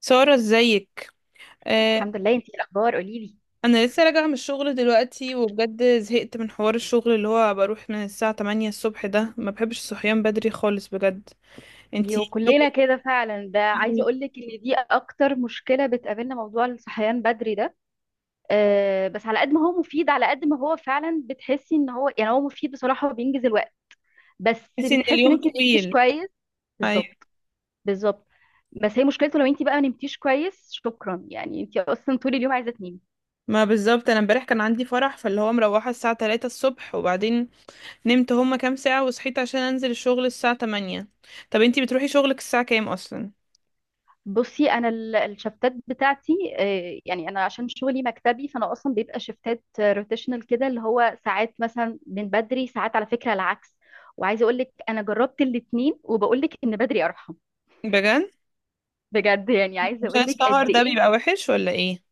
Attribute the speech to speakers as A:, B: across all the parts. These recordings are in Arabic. A: سارة، ازيك؟ آه.
B: الحمد لله، انتي ايه الاخبار؟ قولي لي.
A: انا لسه راجعة من الشغل دلوقتي وبجد زهقت من حوار الشغل اللي هو بروح من الساعة 8 الصبح، ده ما بحبش الصحيان بدري خالص بجد. انتي
B: يو كلنا
A: شغل
B: كده فعلا. ده عايزه
A: يعني؟
B: اقول لك ان دي اكتر مشكله بتقابلنا، موضوع الصحيان بدري ده. أه بس على قد ما هو مفيد، على قد ما هو فعلا بتحسي ان هو يعني هو مفيد بصراحه وبينجز الوقت، بس
A: تحسي ان
B: بتحسي ان
A: اليوم
B: انتي ما نمتيش
A: طويل.
B: كويس.
A: ايوه.
B: بالظبط. بالظبط. بس هي مشكلته لو انتي بقى ما نمتيش كويس شكرا، يعني انتي اصلا طول اليوم عايزه تنامي.
A: ما بالظبط انا امبارح كان عندي فرح فاللي هو مروحة الساعة 3 الصبح، وبعدين نمت هما كام ساعة وصحيت عشان انزل الشغل الساعة 8. طب انتي بتروحي شغلك الساعة كام اصلا؟
B: بصي انا الشفتات بتاعتي. يعني انا عشان شغلي مكتبي فانا اصلا بيبقى شفتات روتيشنال كده، اللي هو ساعات مثلا من بدري، ساعات على فكره العكس. وعايزه اقول لك انا جربت الاثنين وبقول لك ان بدري ارحم.
A: بجد؟
B: بجد يعني، عايزه
A: عشان
B: اقول لك
A: السهر
B: قد
A: ده
B: ايه.
A: بيبقى وحش ولا ايه؟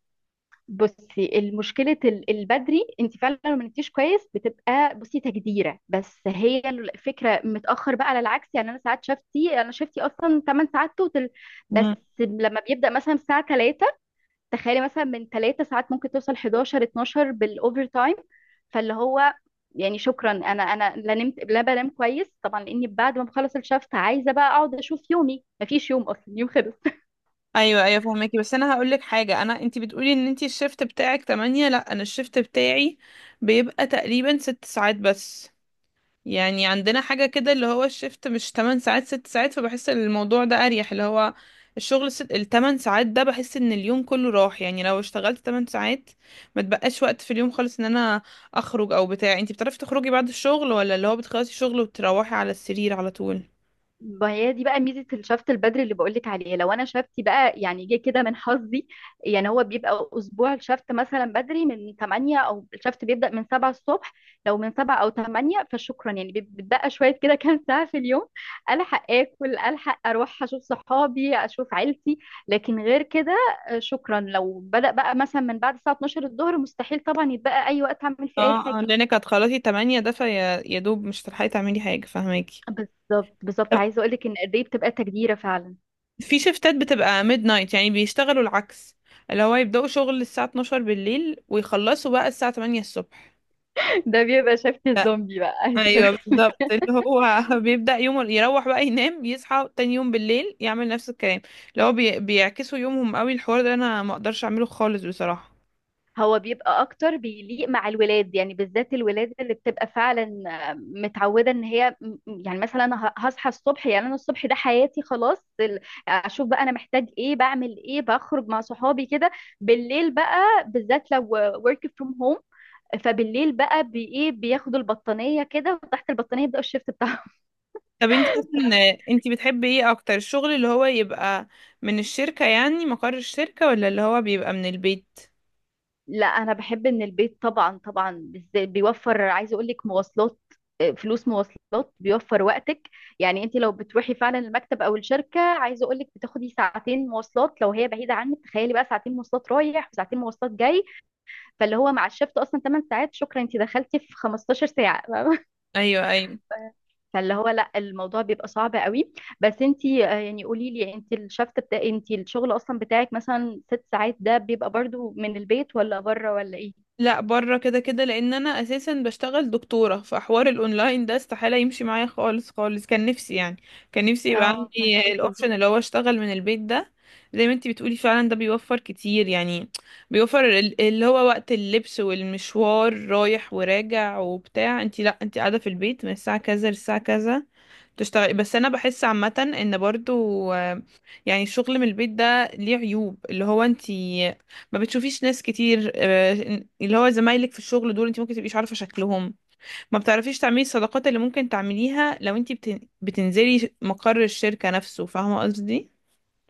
B: بصي المشكله البدري، انت فعلا لو ما نمتيش كويس بتبقى بصي تجديره، بس هي الفكره متاخر بقى على العكس. يعني انا ساعات شفتي، انا شفتي اصلا 8 ساعات توتال بس. لما بيبدا مثلا الساعه، تخيلي مثلا من 3 ساعات ممكن توصل 11 12 بالاوفر تايم. فاللي هو يعني شكرا، انا لا نمت لا بنام كويس طبعا، لاني بعد ما بخلص الشفت عايزه بقى اقعد اشوف يومي، مفيش يوم، اصلا يوم خلص.
A: ايوه ايوه، فهماكي. بس انا هقول لك حاجه، انا انتي بتقولي ان انتي الشيفت بتاعك 8، لا انا الشيفت بتاعي بيبقى تقريبا 6 ساعات بس. يعني عندنا حاجه كده اللي هو الشيفت مش 8 ساعات، 6 ساعات، فبحس ان الموضوع ده اريح. اللي هو الشغل ال 8 ساعات ده بحس ان اليوم كله راح. يعني لو اشتغلت 8 ساعات ما تبقاش وقت في اليوم خالص، ان انا اخرج او بتاع. انتي بتعرفي تخرجي بعد الشغل ولا اللي هو بتخلصي شغل وتروحي على السرير على طول؟
B: ما هي دي بقى ميزة الشفط البدري اللي بقولك عليه. لو انا شفتي بقى يعني جه كده من حظي، يعني هو بيبقى اسبوع الشفط مثلا بدري من 8، او الشفط بيبدأ من 7 الصبح. لو من 7 او 8 فشكرا يعني بتبقى شوية كده كام ساعة في اليوم. الحق اكل، الحق اروح اشوف صحابي، اشوف عيلتي. لكن غير كده، شكرا، لو بدأ بقى مثلا من بعد الساعة 12 الظهر مستحيل طبعا يتبقى اي وقت اعمل فيه اي
A: اه اه،
B: حاجة.
A: لانك هتخلصي 8، ده فيا يا دوب مش هتلحقي تعملي حاجة. فاهماكي.
B: بالظبط بالظبط،
A: طب
B: عايزة اقولك ان قد ايه بتبقى تجديرة فعلا.
A: في شيفتات بتبقى ميد نايت يعني بيشتغلوا العكس، اللي هو يبدأوا شغل الساعة 12 بالليل ويخلصوا بقى الساعة 8 الصبح.
B: ده بيبقى شبكة
A: ف-
B: الزومبي بقى عايزة
A: ايوه
B: أقولك.
A: بالظبط، اللي هو بيبدأ يومه، يروح بقى ينام، يصحى تاني يوم بالليل يعمل نفس الكلام. اللي هو بيعكسوا يومهم قوي. الحوار ده انا ما اقدرش اعمله خالص بصراحة.
B: هو بيبقى اكتر بيليق مع الولاد، يعني بالذات الولاد اللي بتبقى فعلا متعوده ان يعني مثلا أنا هصحى الصبح، يعني انا الصبح ده حياتي خلاص اشوف بقى انا محتاج ايه، بعمل ايه، بخرج مع صحابي كده. بالليل بقى، بالذات لو work from home، فبالليل بقى بايه، بياخدوا البطانيه كده وتحت البطانيه يبداوا الشيفت بتاعهم.
A: طب انت اصلا انت بتحبي ايه اكتر؟ الشغل اللي هو يبقى من الشركة يعني مقر الشركة، ولا اللي هو بيبقى من البيت؟
B: لا انا بحب ان البيت، طبعا طبعا، بالذات بيوفر، عايزه اقول لك، مواصلات. فلوس مواصلات، بيوفر وقتك. يعني انت لو بتروحي فعلا المكتب او الشركه، عايزه اقول لك بتاخدي ساعتين مواصلات لو هي بعيده عنك، تخيلي بقى ساعتين مواصلات رايح وساعتين مواصلات جاي. فاللي هو مع الشفت اصلا 8 ساعات، شكرا انت دخلتي في 15 ساعه
A: ايوه ايوه.
B: فاللي هو لا، الموضوع بيبقى صعب قوي. بس انت يعني قولي لي، انت الشفت بتاع، انت الشغل اصلا بتاعك مثلا 6 ساعات ده بيبقى برضو من البيت ولا بره ولا ايه؟
A: لا، بره كده كده، لان انا اساسا بشتغل دكتورة فحوار الاونلاين ده استحالة يمشي معايا خالص خالص. كان نفسي يعني كان نفسي يبقى
B: اه
A: عندي
B: فهماكي.
A: الاوبشن اللي هو اشتغل من البيت ده، زي ما انت بتقولي فعلا ده بيوفر كتير يعني. بيوفر اللي هو وقت اللبس والمشوار رايح وراجع وبتاع. انت لا انت قاعدة في البيت من الساعة كذا للساعة كذا تشتغلي. بس انا بحس عامه ان برضو يعني الشغل من البيت ده ليه عيوب، اللي هو انت ما بتشوفيش ناس كتير، اللي هو زمايلك في الشغل دول انت ممكن تبقيش عارفه شكلهم. ما بتعرفيش تعملي الصداقات اللي ممكن تعمليها لو انت بتنزلي مقر الشركه نفسه. فاهمه قصدي؟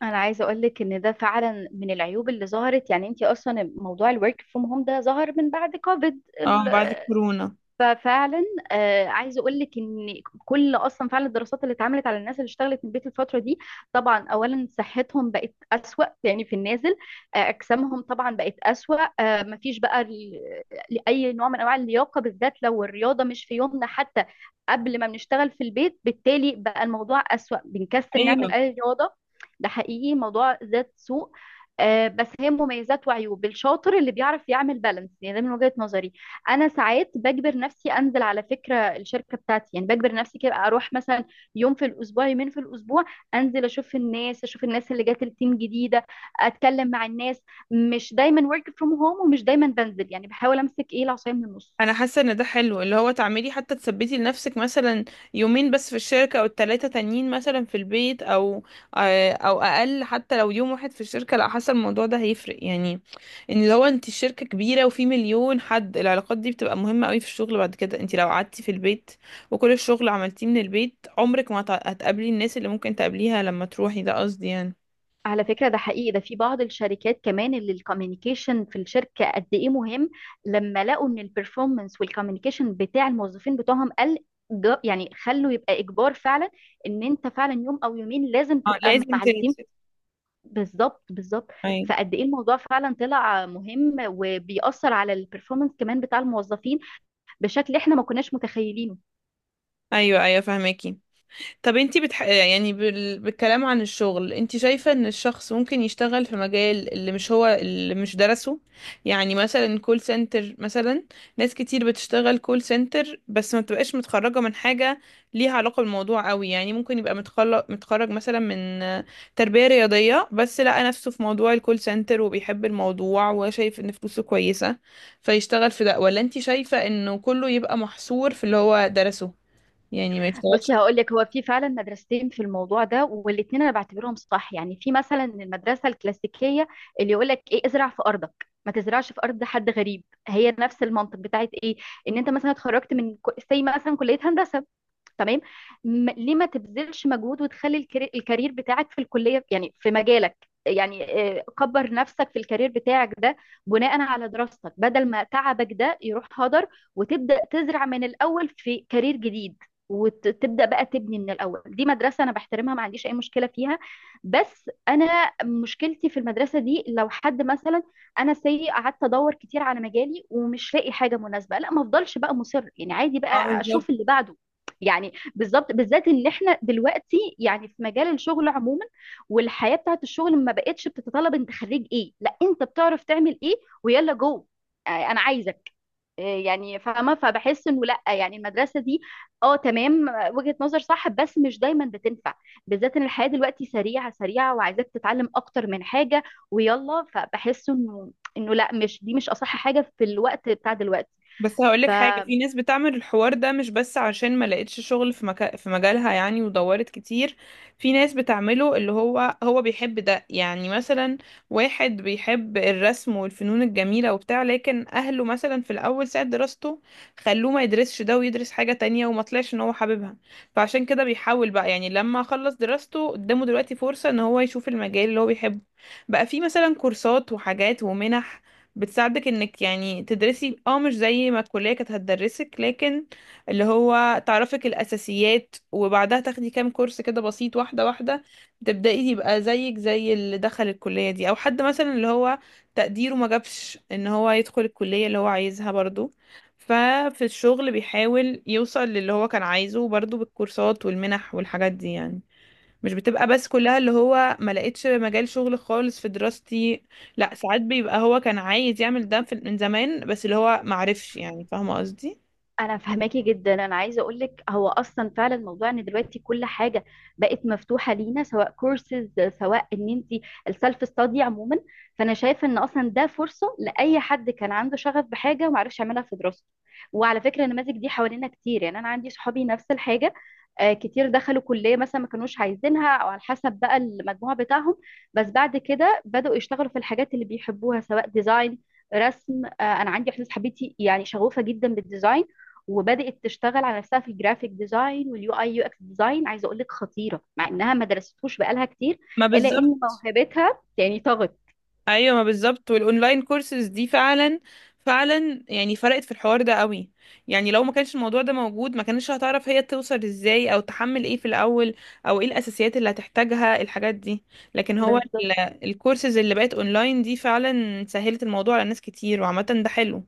B: انا عايزه اقول لك ان ده فعلا من العيوب اللي ظهرت. يعني انت اصلا موضوع الورك فروم هوم ده ظهر من بعد كوفيد،
A: اه بعد كورونا.
B: ففعلا عايزه اقول لك ان كل اصلا فعلا الدراسات اللي اتعملت على الناس اللي اشتغلت من البيت الفتره دي، طبعا اولا صحتهم بقت اسوأ، يعني في النازل. اجسامهم طبعا بقت اسوأ. اي نوع من انواع اللياقه، بالذات لو الرياضه مش في يومنا حتى قبل ما بنشتغل في البيت، بالتالي بقى الموضوع اسوأ، بنكسل
A: ايوه،
B: نعمل اي رياضه. ده حقيقي موضوع ذات سوء. بس هي مميزات وعيوب، الشاطر اللي بيعرف يعمل بالانس، يعني ده من وجهة نظري. انا ساعات بجبر نفسي انزل على فكره الشركه بتاعتي، يعني بجبر نفسي كده اروح مثلا يوم في الاسبوع، يومين في الاسبوع، انزل اشوف الناس، اشوف الناس اللي جات التيم جديده، اتكلم مع الناس. مش دايما ورك فروم هوم، ومش دايما بنزل، يعني بحاول امسك ايه، العصايه من النص.
A: انا حاسه ان ده حلو، اللي هو تعملي حتى تثبتي لنفسك مثلا يومين بس في الشركه او التلاته تانيين مثلا في البيت، او او اقل حتى. لو يوم واحد في الشركه لا، حاسه الموضوع ده هيفرق يعني. ان لو انت الشركه كبيره وفي مليون حد، العلاقات دي بتبقى مهمه قوي في الشغل. بعد كده انت لو قعدتي في البيت وكل الشغل عملتيه من البيت عمرك ما هتقابلي الناس اللي ممكن تقابليها لما تروحي. ده قصدي يعني.
B: على فكرة ده حقيقي، ده في بعض الشركات كمان اللي الكوميونيكيشن في الشركة قد ايه مهم، لما لقوا ان البرفورمانس والكوميونيكيشن بتاع الموظفين بتوعهم قل، يعني خلوا يبقى اجبار فعلا ان انت فعلا يوم او يومين لازم
A: اه
B: تبقى
A: لازم
B: مع التيم.
A: تنزلي.
B: بالظبط بالظبط.
A: ايوه
B: فقد ايه الموضوع فعلا طلع مهم وبيأثر على البرفورمانس كمان بتاع الموظفين بشكل احنا ما كناش متخيلينه.
A: ايوه ايوه، فهماكي. طب انتي بالكلام عن الشغل، انتي شايفة ان الشخص ممكن يشتغل في مجال اللي مش هو اللي مش درسه، يعني مثلا كول سنتر مثلا. ناس كتير بتشتغل كول سنتر بس ما بتبقاش متخرجة من حاجة ليها علاقة بالموضوع قوي. يعني ممكن يبقى متخرج متخرج مثلا من تربية رياضية بس لقى نفسه في موضوع الكول سنتر وبيحب الموضوع وشايف ان فلوسه كويسة فيشتغل في ده. ولا انتي شايفة انه كله يبقى محصور في اللي هو درسه، يعني ما يشتغلش؟
B: بصي هقول لك، هو في فعلا مدرستين في الموضوع ده، والاثنين انا بعتبرهم صح. يعني في مثلا المدرسه الكلاسيكيه اللي يقول لك ايه، ازرع في ارضك ما تزرعش في ارض حد غريب. هي نفس المنطق بتاعت ايه، ان انت مثلا اتخرجت من، سي مثلا كليه هندسه، تمام، ليه ما تبذلش مجهود وتخلي الكارير بتاعك في الكلية يعني في مجالك. يعني كبر نفسك في الكارير بتاعك ده بناء على دراستك، بدل ما تعبك ده يروح هدر وتبدأ تزرع من الأول في كارير جديد وتبدأ بقى تبني من الأول. دي مدرسة أنا بحترمها، ما عنديش أي مشكلة فيها. بس أنا مشكلتي في المدرسة دي، لو حد مثلا، أنا سي، قعدت أدور كتير على مجالي ومش لاقي حاجة مناسبة، لا ما أفضلش بقى مصر يعني، عادي
A: اه
B: بقى
A: بالظبط.
B: أشوف اللي بعده. يعني بالظبط، بالذات ان احنا دلوقتي يعني في مجال الشغل عموما، والحياه بتاعت الشغل ما بقتش بتتطلب انت خريج ايه، لا، انت بتعرف تعمل ايه. ويلا جو. انا عايزك، يعني فاهمه. فبحس انه لا، يعني المدرسه دي، اه تمام، وجهه نظر صح بس مش دايما بتنفع، بالذات ان الحياه دلوقتي سريعه سريعه وعايزاك تتعلم اكتر من حاجه. ويلا، فبحس انه، انه لا، مش دي مش اصح حاجه في الوقت بتاع دلوقتي.
A: بس هقولك حاجة، في ناس بتعمل الحوار ده مش بس عشان ما لقيتش شغل في في مجالها يعني ودورت كتير. في ناس بتعمله اللي هو هو بيحب ده. يعني مثلا واحد بيحب الرسم والفنون الجميلة وبتاع، لكن أهله مثلا في الأول ساعة دراسته خلوه ما يدرسش ده ويدرس حاجة تانية، وما طلعش إن هو حاببها. فعشان كده بيحاول بقى، يعني لما خلص دراسته قدامه دلوقتي فرصة إن هو يشوف المجال اللي هو بيحبه، بقى في مثلا كورسات وحاجات ومنح بتساعدك انك يعني تدرسي، اه مش زي ما الكلية كانت هتدرسك، لكن اللي هو تعرفك الأساسيات وبعدها تاخدي كام كورس كده بسيط، واحدة واحدة تبدأي يبقى زيك زي اللي دخل الكلية دي. أو حد مثلا اللي هو تقديره ما جابش ان هو يدخل الكلية اللي هو عايزها برضو ففي الشغل بيحاول يوصل للي هو كان عايزه برضو بالكورسات والمنح والحاجات دي يعني. مش بتبقى بس كلها اللي هو ما لقيتش مجال شغل خالص في دراستي. لا ساعات بيبقى هو كان عايز يعمل ده في من زمان بس اللي هو ما عرفش. يعني فاهمه قصدي؟
B: انا فهماكي جدا. انا عايزه اقول لك هو اصلا فعلا موضوع ان دلوقتي كل حاجه بقت مفتوحه لينا، سواء كورسز، سواء ان انت السيلف ستادي عموما، فانا شايفه ان اصلا ده فرصه لاي حد كان عنده شغف بحاجه وما عرفش يعملها في دراسته. وعلى فكره النماذج دي حوالينا كتير، يعني انا عندي صحابي نفس الحاجه. كتير دخلوا كليه مثلا ما كانوش عايزينها او على حسب بقى المجموع بتاعهم، بس بعد كده بداوا يشتغلوا في الحاجات اللي بيحبوها، سواء ديزاين، رسم. انا عندي واحده صاحبتي يعني شغوفه جدا بالديزاين، وبدأت تشتغل على نفسها في الجرافيك ديزاين واليو اي يو اكس ديزاين. عايزه اقول لك خطيره، مع انها ما درستهوش بقالها كتير،
A: ما
B: الا
A: بالظبط.
B: ان موهبتها يعني طغت.
A: ايوه ما بالظبط. والاونلاين كورسز دي فعلا فعلا يعني فرقت في الحوار ده قوي. يعني لو ما كانش الموضوع ده موجود ما كانتش هتعرف هي توصل ازاي او تحمل ايه في الاول، او ايه الاساسيات اللي هتحتاجها الحاجات دي. لكن هو
B: بس.
A: الكورسز اللي بقت اونلاين دي فعلا سهلت الموضوع على ناس كتير. وعامه ده حلو.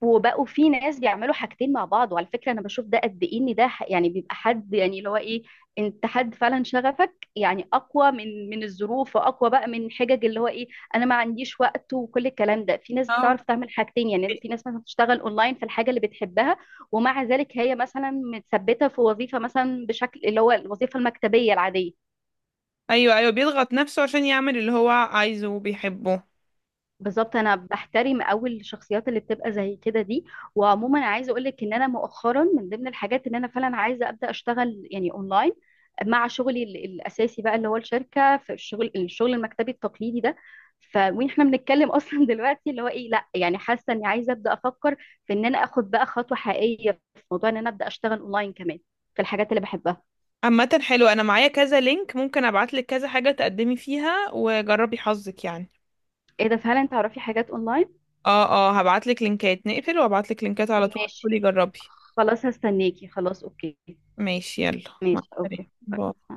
B: وبقوا في ناس بيعملوا حاجتين مع بعض، وعلى فكرة انا بشوف ده قد ايه، ان ده يعني بيبقى حد، يعني اللي هو ايه، انت حد فعلا شغفك يعني اقوى من الظروف، واقوى بقى من حجج اللي هو ايه، انا ما عنديش وقت وكل الكلام ده. في ناس
A: اه
B: بتعرف تعمل حاجتين، يعني في ناس مثلا بتشتغل اونلاين في الحاجة اللي بتحبها، ومع ذلك هي مثلا متثبتة في وظيفة، مثلا بشكل اللي هو الوظيفة المكتبية العادية.
A: ايوه ايوه، بيضغط نفسه عشان يعمل اللي هو عايزه وبيحبه.
B: بالظبط، انا بحترم قوي الشخصيات اللي بتبقى زي كده دي. وعموما عايزه اقول لك، ان انا مؤخرا من ضمن الحاجات ان انا فعلا عايزه ابدا اشتغل يعني اونلاين مع شغلي الاساسي بقى، اللي هو الشركه في الشغل، الشغل المكتبي التقليدي ده. ف واحنا بنتكلم اصلا دلوقتي اللي هو ايه، لا يعني حاسه اني عايزه ابدا افكر في ان انا اخد بقى خطوه حقيقيه في موضوع ان انا ابدا اشتغل اونلاين كمان في الحاجات اللي بحبها.
A: عامة حلو، انا معايا كذا لينك ممكن ابعتلك كذا حاجة تقدمي فيها وجربي حظك يعني.
B: ايه ده، فعلا تعرفي حاجات اونلاين؟
A: اه. اه، هبعتلك لينكات، نقفل وابعتلك لينكات على طول،
B: ماشي.
A: ادخلي جربي.
B: خلاص هستناكي. خلاص، اوكي.
A: ماشي، يلا، مع
B: ماشي، اوكي،
A: السلامة،
B: باي.
A: باي.